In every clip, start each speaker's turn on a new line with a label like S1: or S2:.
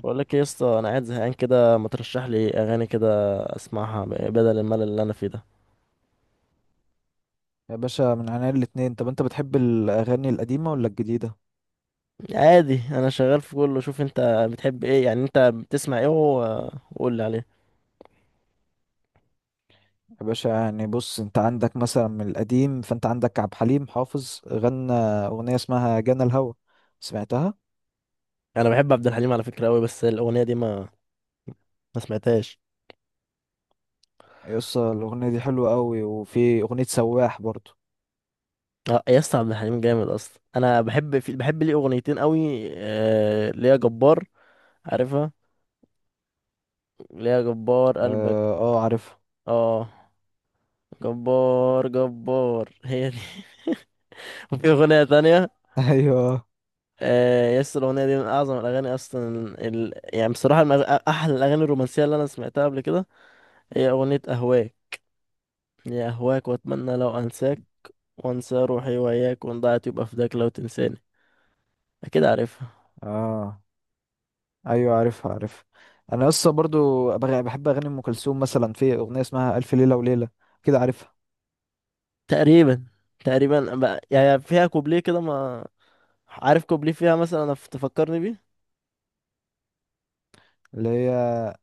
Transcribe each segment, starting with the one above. S1: بقول لك ايه يا اسطى، انا قاعد زهقان كده، ما ترشح لي اغاني كده اسمعها بدل الملل اللي انا فيه ده.
S2: يا باشا من عينيا الاتنين. طب انت بتحب الاغاني القديمه ولا الجديده؟
S1: عادي، انا شغال في كله. شوف انت بتحب ايه، يعني انت بتسمع ايه وقول لي عليه.
S2: يا باشا يعني بص، انت عندك مثلا من القديم، فانت عندك عبد الحليم حافظ غنى اغنيه اسمها جانا الهوى. سمعتها؟
S1: انا بحب عبد الحليم على فكره قوي، بس الاغنيه دي ما سمعتهاش.
S2: يس الاغنيه دي حلوه قوي، وفي اغنيه سواح برضو.
S1: اه يا اسطى، عبد الحليم جامد اصلا. انا بحب ليه اغنيتين قوي. ليا جبار. عارفها؟ ليا جبار قلبك.
S2: اه, آه عارفها.
S1: اه، جبار جبار، هي دي. وفي اغنيه تانية.
S2: ايوه.
S1: آه، يس، الأغنية دي من أعظم الأغاني أصلا. يعني بصراحة، من أحلى الأغاني الرومانسية اللي أنا سمعتها قبل كده. هي أغنية أهواك. يا أهواك وأتمنى لو أنساك، وأنسى روحي وإياك، وإن ضاعت يبقى فداك لو تنساني. أكيد عارفها.
S2: اه ايوه عارفها عارفها. انا لسه برضو بحب اغاني ام كلثوم، مثلا في اغنيه اسمها الف ليله وليله. كده عارفها؟
S1: تقريبا. تقريبا بقى، يعني فيها كوبليه كده، ما عارف كوبليه فيها مثلا تفكرني بيه.
S2: اللي هي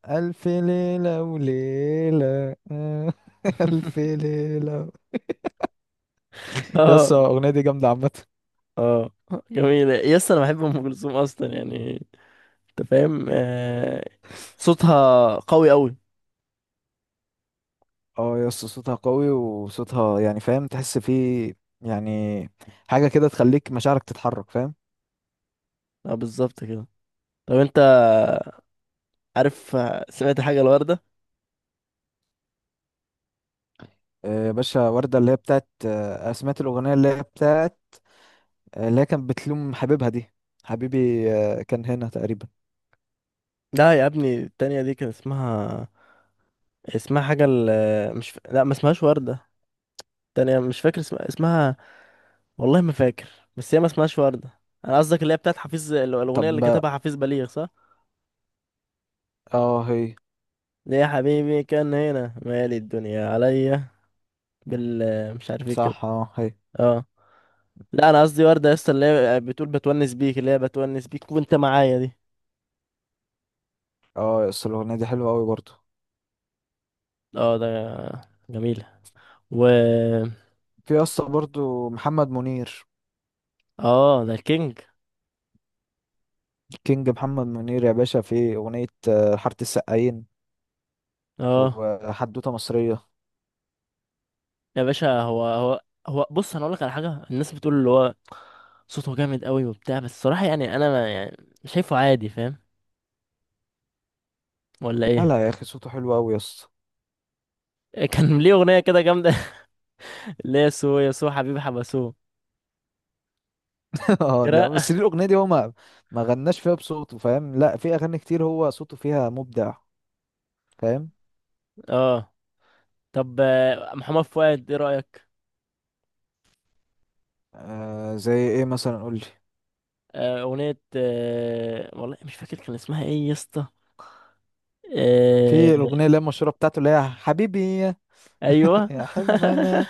S2: ألف ليلة وليلة. ألف ليلة.
S1: اه.
S2: يس الأغنية دي جامدة عامة.
S1: اه جميلة، يس، أنا بحب أم كلثوم أصلا يعني. أنت فاهم. صوتها قوي أوي.
S2: اه يس، صوتها قوي، وصوتها يعني فاهم، تحس فيه يعني حاجة كده تخليك مشاعرك تتحرك، فاهم.
S1: اه، بالظبط كده. طب انت عارف، سمعت حاجة الوردة؟
S2: باشا وردة اللي هي بتاعت سمعت الأغنية اللي هي بتاعت اللي هي كانت بتلوم حبيبها دي، حبيبي كان هنا تقريبا.
S1: لا يا ابني، التانية دي كان اسمها حاجة مش لا، ما اسمهاش وردة. التانية مش فاكر اسمها. والله ما فاكر. بس هي ما اسمهاش وردة. انا قصدك اللي هي بتاعت حفيظ، الأغنية
S2: طب
S1: اللي
S2: ما
S1: كتبها حفيظ بليغ، صح؟
S2: اه هي.
S1: ليه يا حبيبي كان هنا، مالي الدنيا عليا، بال مش عارف ايه كده.
S2: صح اه هي.
S1: اه، لا، انا قصدي وردة يا اسطى، اللي هي بتقول بتونس بيك، اللي هي بتونس بيك وانت معايا دي.
S2: اه يس الأغنية دي حلوة قوي برضو.
S1: اه، ده جميلة. و
S2: في يس برضو محمد منير.
S1: اه، ده الكينج.
S2: كينج محمد منير يا باشا، في أغنية حارة السقايين
S1: اه
S2: وحدوتة مصرية.
S1: يا باشا، هو بص، انا اقول لك على حاجه، الناس بتقول اللي هو صوته جامد قوي وبتاع، بس الصراحه يعني انا ما، يعني شايفه عادي. فاهم ولا
S2: لا
S1: ايه؟
S2: لا يا أخي، صوته حلو أوي يا اسطى.
S1: كان ليه اغنيه كده جامده. اللي هي سو يا سو حبيبي حبسو
S2: اه لا،
S1: كده.
S2: بس ليه الأغنية دي هو ما ما غناش فيها بصوته، فاهم. لا، في أغاني كتير هو صوته فيها مبدع، فاهم.
S1: اه. طب محمد فؤاد، ايه رايك؟
S2: آه، زي إيه مثلا؟ قولي.
S1: اغنيه، والله مش فاكر كان اسمها ايه يا اسطى.
S2: في
S1: آه،
S2: الأغنية اللي هي المشهورة بتاعته، اللي هي حبيبي يا
S1: ايوه.
S2: يا حلم أنا.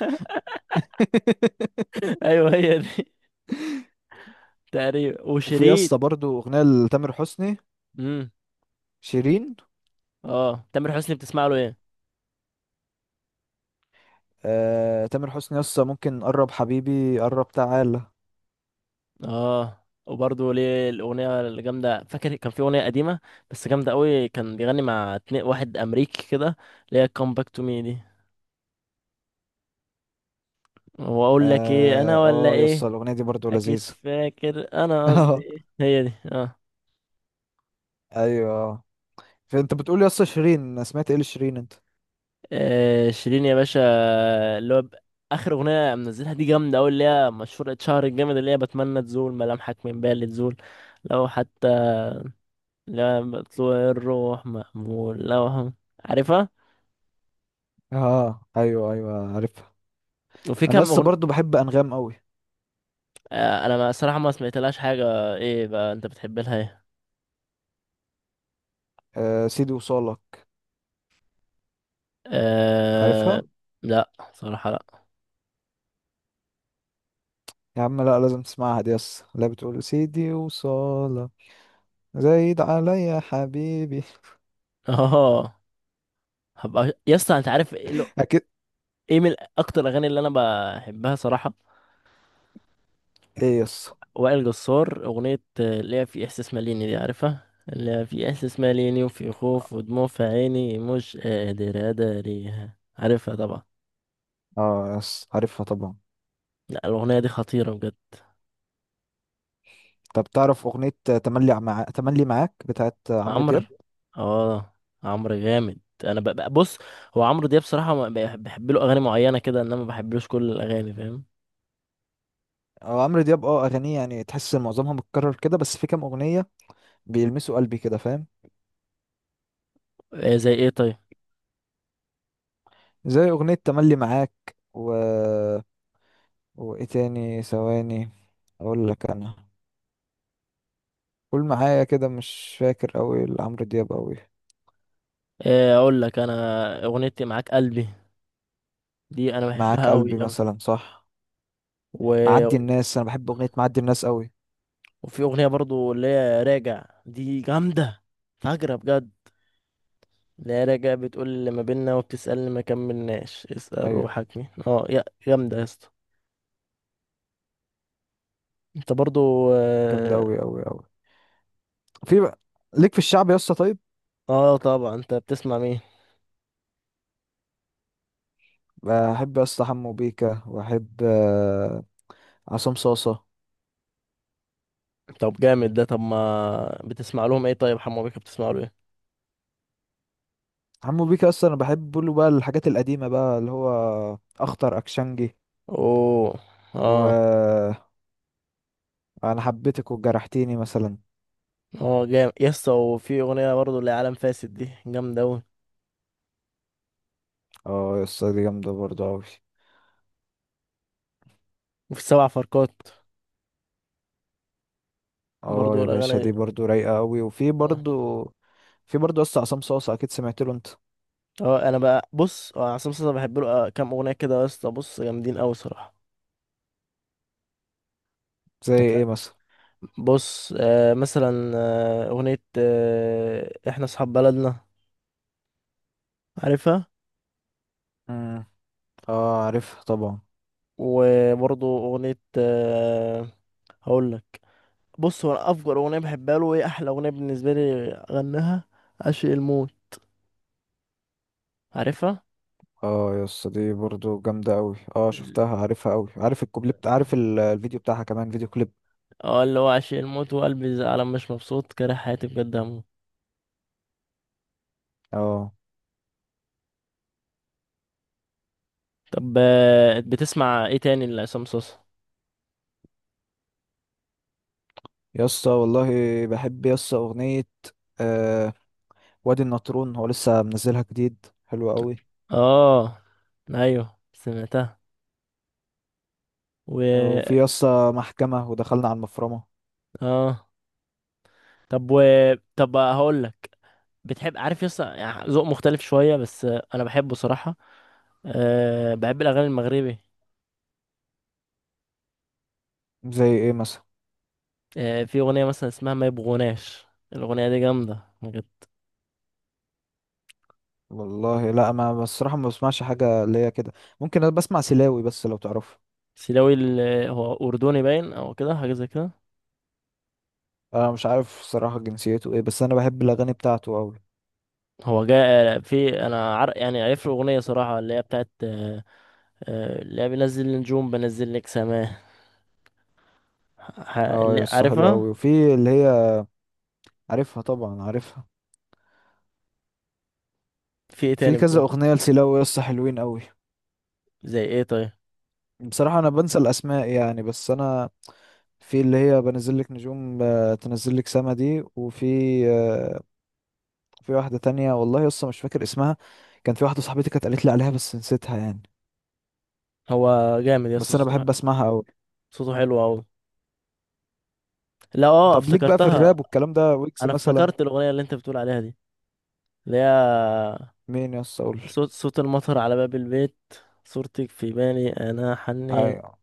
S1: ايوه هي دي. تقريبا
S2: وفي يا
S1: وشريط.
S2: اسطى برضه أغنية لتامر حسني.
S1: امم
S2: شيرين.
S1: اه، تامر حسني بتسمع له ايه؟
S2: آه، تامر حسني يا اسطى ممكن قرب حبيبي، قرب تعالى.
S1: اه، وبرضه ليه الاغنيه الجامده، فاكر؟ كان في اغنيه قديمه بس جامده قوي، كان بيغني مع اتنين، واحد امريكي كده، اللي هي كم باك تو مي دي. واقول لك ايه انا
S2: اه
S1: ولا
S2: يس
S1: ايه.
S2: الاغنيه دي برضو
S1: اكيد
S2: لذيذه.
S1: فاكر انا قصدي
S2: اه
S1: ايه. هي دي. اه.
S2: ايوه. فانت بتقول يس شيرين؟ أنا سمعت ايه لشيرين انت.
S1: شيرين يا باشا، اللي هو اخر اغنيه منزلها دي جامده قوي، اللي هي مشهوره، اتشهر الجامد، اللي هي بتمنى تزول ملامحك من بالي تزول. لو حتى، لا بطلوع الروح مأمول لو هم. عارفها؟
S2: اه ايوه ايوه عارفها.
S1: وفي
S2: انا
S1: كام
S2: لسه
S1: أغنية.
S2: برضو بحب انغام قوي.
S1: انا ما صراحة ما سمعتلهاش حاجة. ايه بقى انت بتحب لها ايه؟
S2: آه سيدي وصالة،
S1: أه...
S2: عارفها؟
S1: لا صراحة، لا.
S2: يا عم لا لازم تسمعها دي، يس لا بتقول سيدي وصالة زايد عليا حبيبي.
S1: اه. هبقى يا اسطى، انت عارف ايه
S2: اكيد.
S1: إيه من اكتر الاغاني اللي انا بحبها صراحة.
S2: ايه يس؟
S1: وائل جسار، اغنية اللي هي في احساس ماليني دي. عارفها؟ اللي هي في احساس ماليني، وفي خوف ودموع في عيني، مش قادر اداريها. عارفها طبعا.
S2: اه يس عارفها طبعا.
S1: لا، الاغنية دي خطيرة.
S2: طب تعرف اغنية تملي، تملي معاك بتاعت عمرو
S1: عمرو.
S2: دياب؟
S1: اه عمرو جامد. انا بص. هو عمرو دياب بصراحه، ما بحب له اغاني معينه كده، انما ما بحبلوش كل الاغاني. فاهم؟
S2: اه عمرو دياب، اه اغانيه يعني تحس ان معظمها متكرر كده، بس في كام اغنية بيلمسوا قلبي كده، فاهم.
S1: إيه زي ايه طيب؟
S2: زي أغنية تملي معاك و... وإيه تاني، ثواني أقول لك أنا. قول معايا، كده مش فاكر أوي لعمرو دياب أوي.
S1: إيه اقول لك انا. اغنيتي معاك قلبي، دي انا بحبها
S2: معاك قلبي
S1: قوي قوي.
S2: مثلا، صح. معدي
S1: و...
S2: الناس، أنا بحب أغنية معدي الناس أوي.
S1: وفي اغنيه برضو اللي هي راجع، دي جامده فجرة بجد. اللي هي راجع بتقول: اللي ما بينا وبتسألني ما كملناش، اسأل
S2: أيوة.
S1: روحك مين. اه، يا جامده يا اسطى. انت برضو
S2: جامدة
S1: اه.
S2: أوي أوي أوي. في بقى ليك في الشعب يا اسطى؟ طيب
S1: طبعا، انت بتسمع مين؟
S2: بحب يا اسطى حمو بيكا، وأحب عصام صاصة.
S1: طب جامد ده. طب ما بتسمع لهم ايه طيب، حمو بيكا بتسمع له ايه؟
S2: حمو بيكا اصلا انا بحب له بقى الحاجات القديمه، بقى اللي هو اخطر اكشنجي،
S1: اوه. اه.
S2: و انا حبيتك وجرحتيني مثلا.
S1: اه جامد يسطا، وفي اغنيه برضو اللي هي عالم فاسد، دي جامده اوي.
S2: اه يا اسطى دي جامده برضو قوي.
S1: وفي سبع فرقات.
S2: اه
S1: برضو
S2: يا باشا
S1: الاغاني.
S2: دي برضو رايقه قوي، وفي
S1: اه.
S2: برضو، في برضو يا اسطى عصام صاصا، اكيد سمعت له انت.
S1: اه. انا بقى بص، اه عصام صاصا بحب له كام اغنيه كده يسطا، بص جامدين اوي صراحه.
S2: زي
S1: انت فاهم.
S2: ايه مثلا؟
S1: بص، مثلا اغنيه احنا اصحاب بلدنا. عارفها؟
S2: امم. اه عارفها طبعا.
S1: وبرضو اغنيه هقول. بص هو، أنا افجر اغنيه بحبها له ايه، احلى اغنيه بالنسبه لي غناها، عشق الموت. عارفها؟
S2: اه يا اسطى دي برضو جامده قوي. اه شفتها، عارفها قوي، عارف الكوبليه بتاع، عارف الفيديو بتاعها، كمان فيديو كليب.
S1: اه، اللي هو: عشق الموت وقلبي زعلان، مش مبسوط، كاره حياتي، بجد هموت.
S2: اه
S1: طب بتسمع ايه تاني لعصام صوصة؟
S2: يا اسطى والله بحب يا اسطى اغنيه آه وادي النطرون، هو لسه منزلها جديد، حلوه قوي.
S1: اه، ايوه سمعتها. و
S2: وفي يا اسطى محكمه ودخلنا على المفرمه.
S1: اه. طب. طب هقول لك. بتحب عارف، يس يعني ذوق مختلف شويه بس، انا بحبه صراحه. أه، بحب الاغاني المغربي.
S2: زي ايه مثلا؟
S1: أه، في اغنيه مثلا اسمها ما يبغوناش، الاغنيه دي جامده ما.
S2: والله لا، ما بصراحة ما بسمعش حاجة اللي هي كده. ممكن انا بسمع سلاوي، بس لو تعرفه.
S1: سيلاوي هو أردني باين، أو كده حاجة زي كده.
S2: انا مش عارف الصراحة جنسيته ايه، بس انا بحب الاغاني بتاعته اوي.
S1: هو جاء في أنا يعني عارف له أغنية صراحة، اللي هي بتاعت اللي هي بنزل النجوم، بنزل لك سماه.
S2: اه يس حلو
S1: عارفها؟
S2: اوي، وفي اللي هي عارفها طبعا، عارفها.
S1: في إيه
S2: في
S1: تاني
S2: كذا
S1: بتقول؟
S2: اغنية لسلاوي يس، حلوين اوي.
S1: زي إيه طيب؟
S2: بصراحة انا بنسى الاسماء يعني، بس انا في اللي هي بنزل لك نجوم، تنزل لك سما دي، وفي آه، في واحدة تانية والله يس مش فاكر اسمها. كان في واحدة صاحبتي كانت قالت لي عليها بس نسيتها يعني.
S1: هو جامد يا اسطى،
S2: بس انا بحب اسمعها اوي.
S1: صوته حلو أوي. لا أه،
S2: طب ليك بقى في
S1: افتكرتها.
S2: الراب والكلام ده، ويكس
S1: أنا
S2: مثلا؟
S1: افتكرت الأغنية اللي أنت بتقول عليها دي، اللي هي
S2: مين يا اسطى؟ اقول.
S1: صوت صوت المطر على باب البيت، صورتك في بالي أنا حنيت.
S2: ايوه.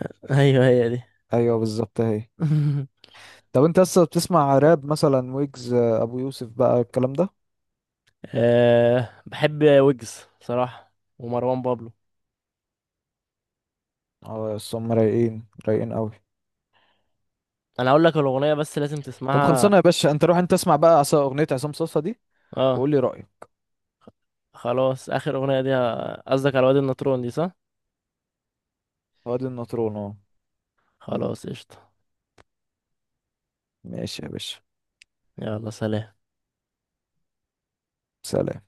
S1: أيوه هي دي.
S2: ايوه بالظبط اهي. طب انت لسه بتسمع راب مثلا، ويجز، ابو يوسف، بقى الكلام ده.
S1: أه، بحب ويجز صراحة، ومروان بابلو.
S2: اه يا اسطى هم رايقين رايقين قوي.
S1: انا هقول لك الاغنية بس لازم
S2: طب
S1: تسمعها.
S2: خلصانه يا باشا، انت روح انت اسمع بقى اغنيه عصام صاصا دي
S1: اه.
S2: وقول لي رايك.
S1: خلاص، اخر اغنية دي قصدك على وادي النطرون دي، صح؟
S2: وادي النطرون اه.
S1: خلاص قشطة.
S2: ماشي يا باشا.
S1: يلا، سلام.
S2: سلام.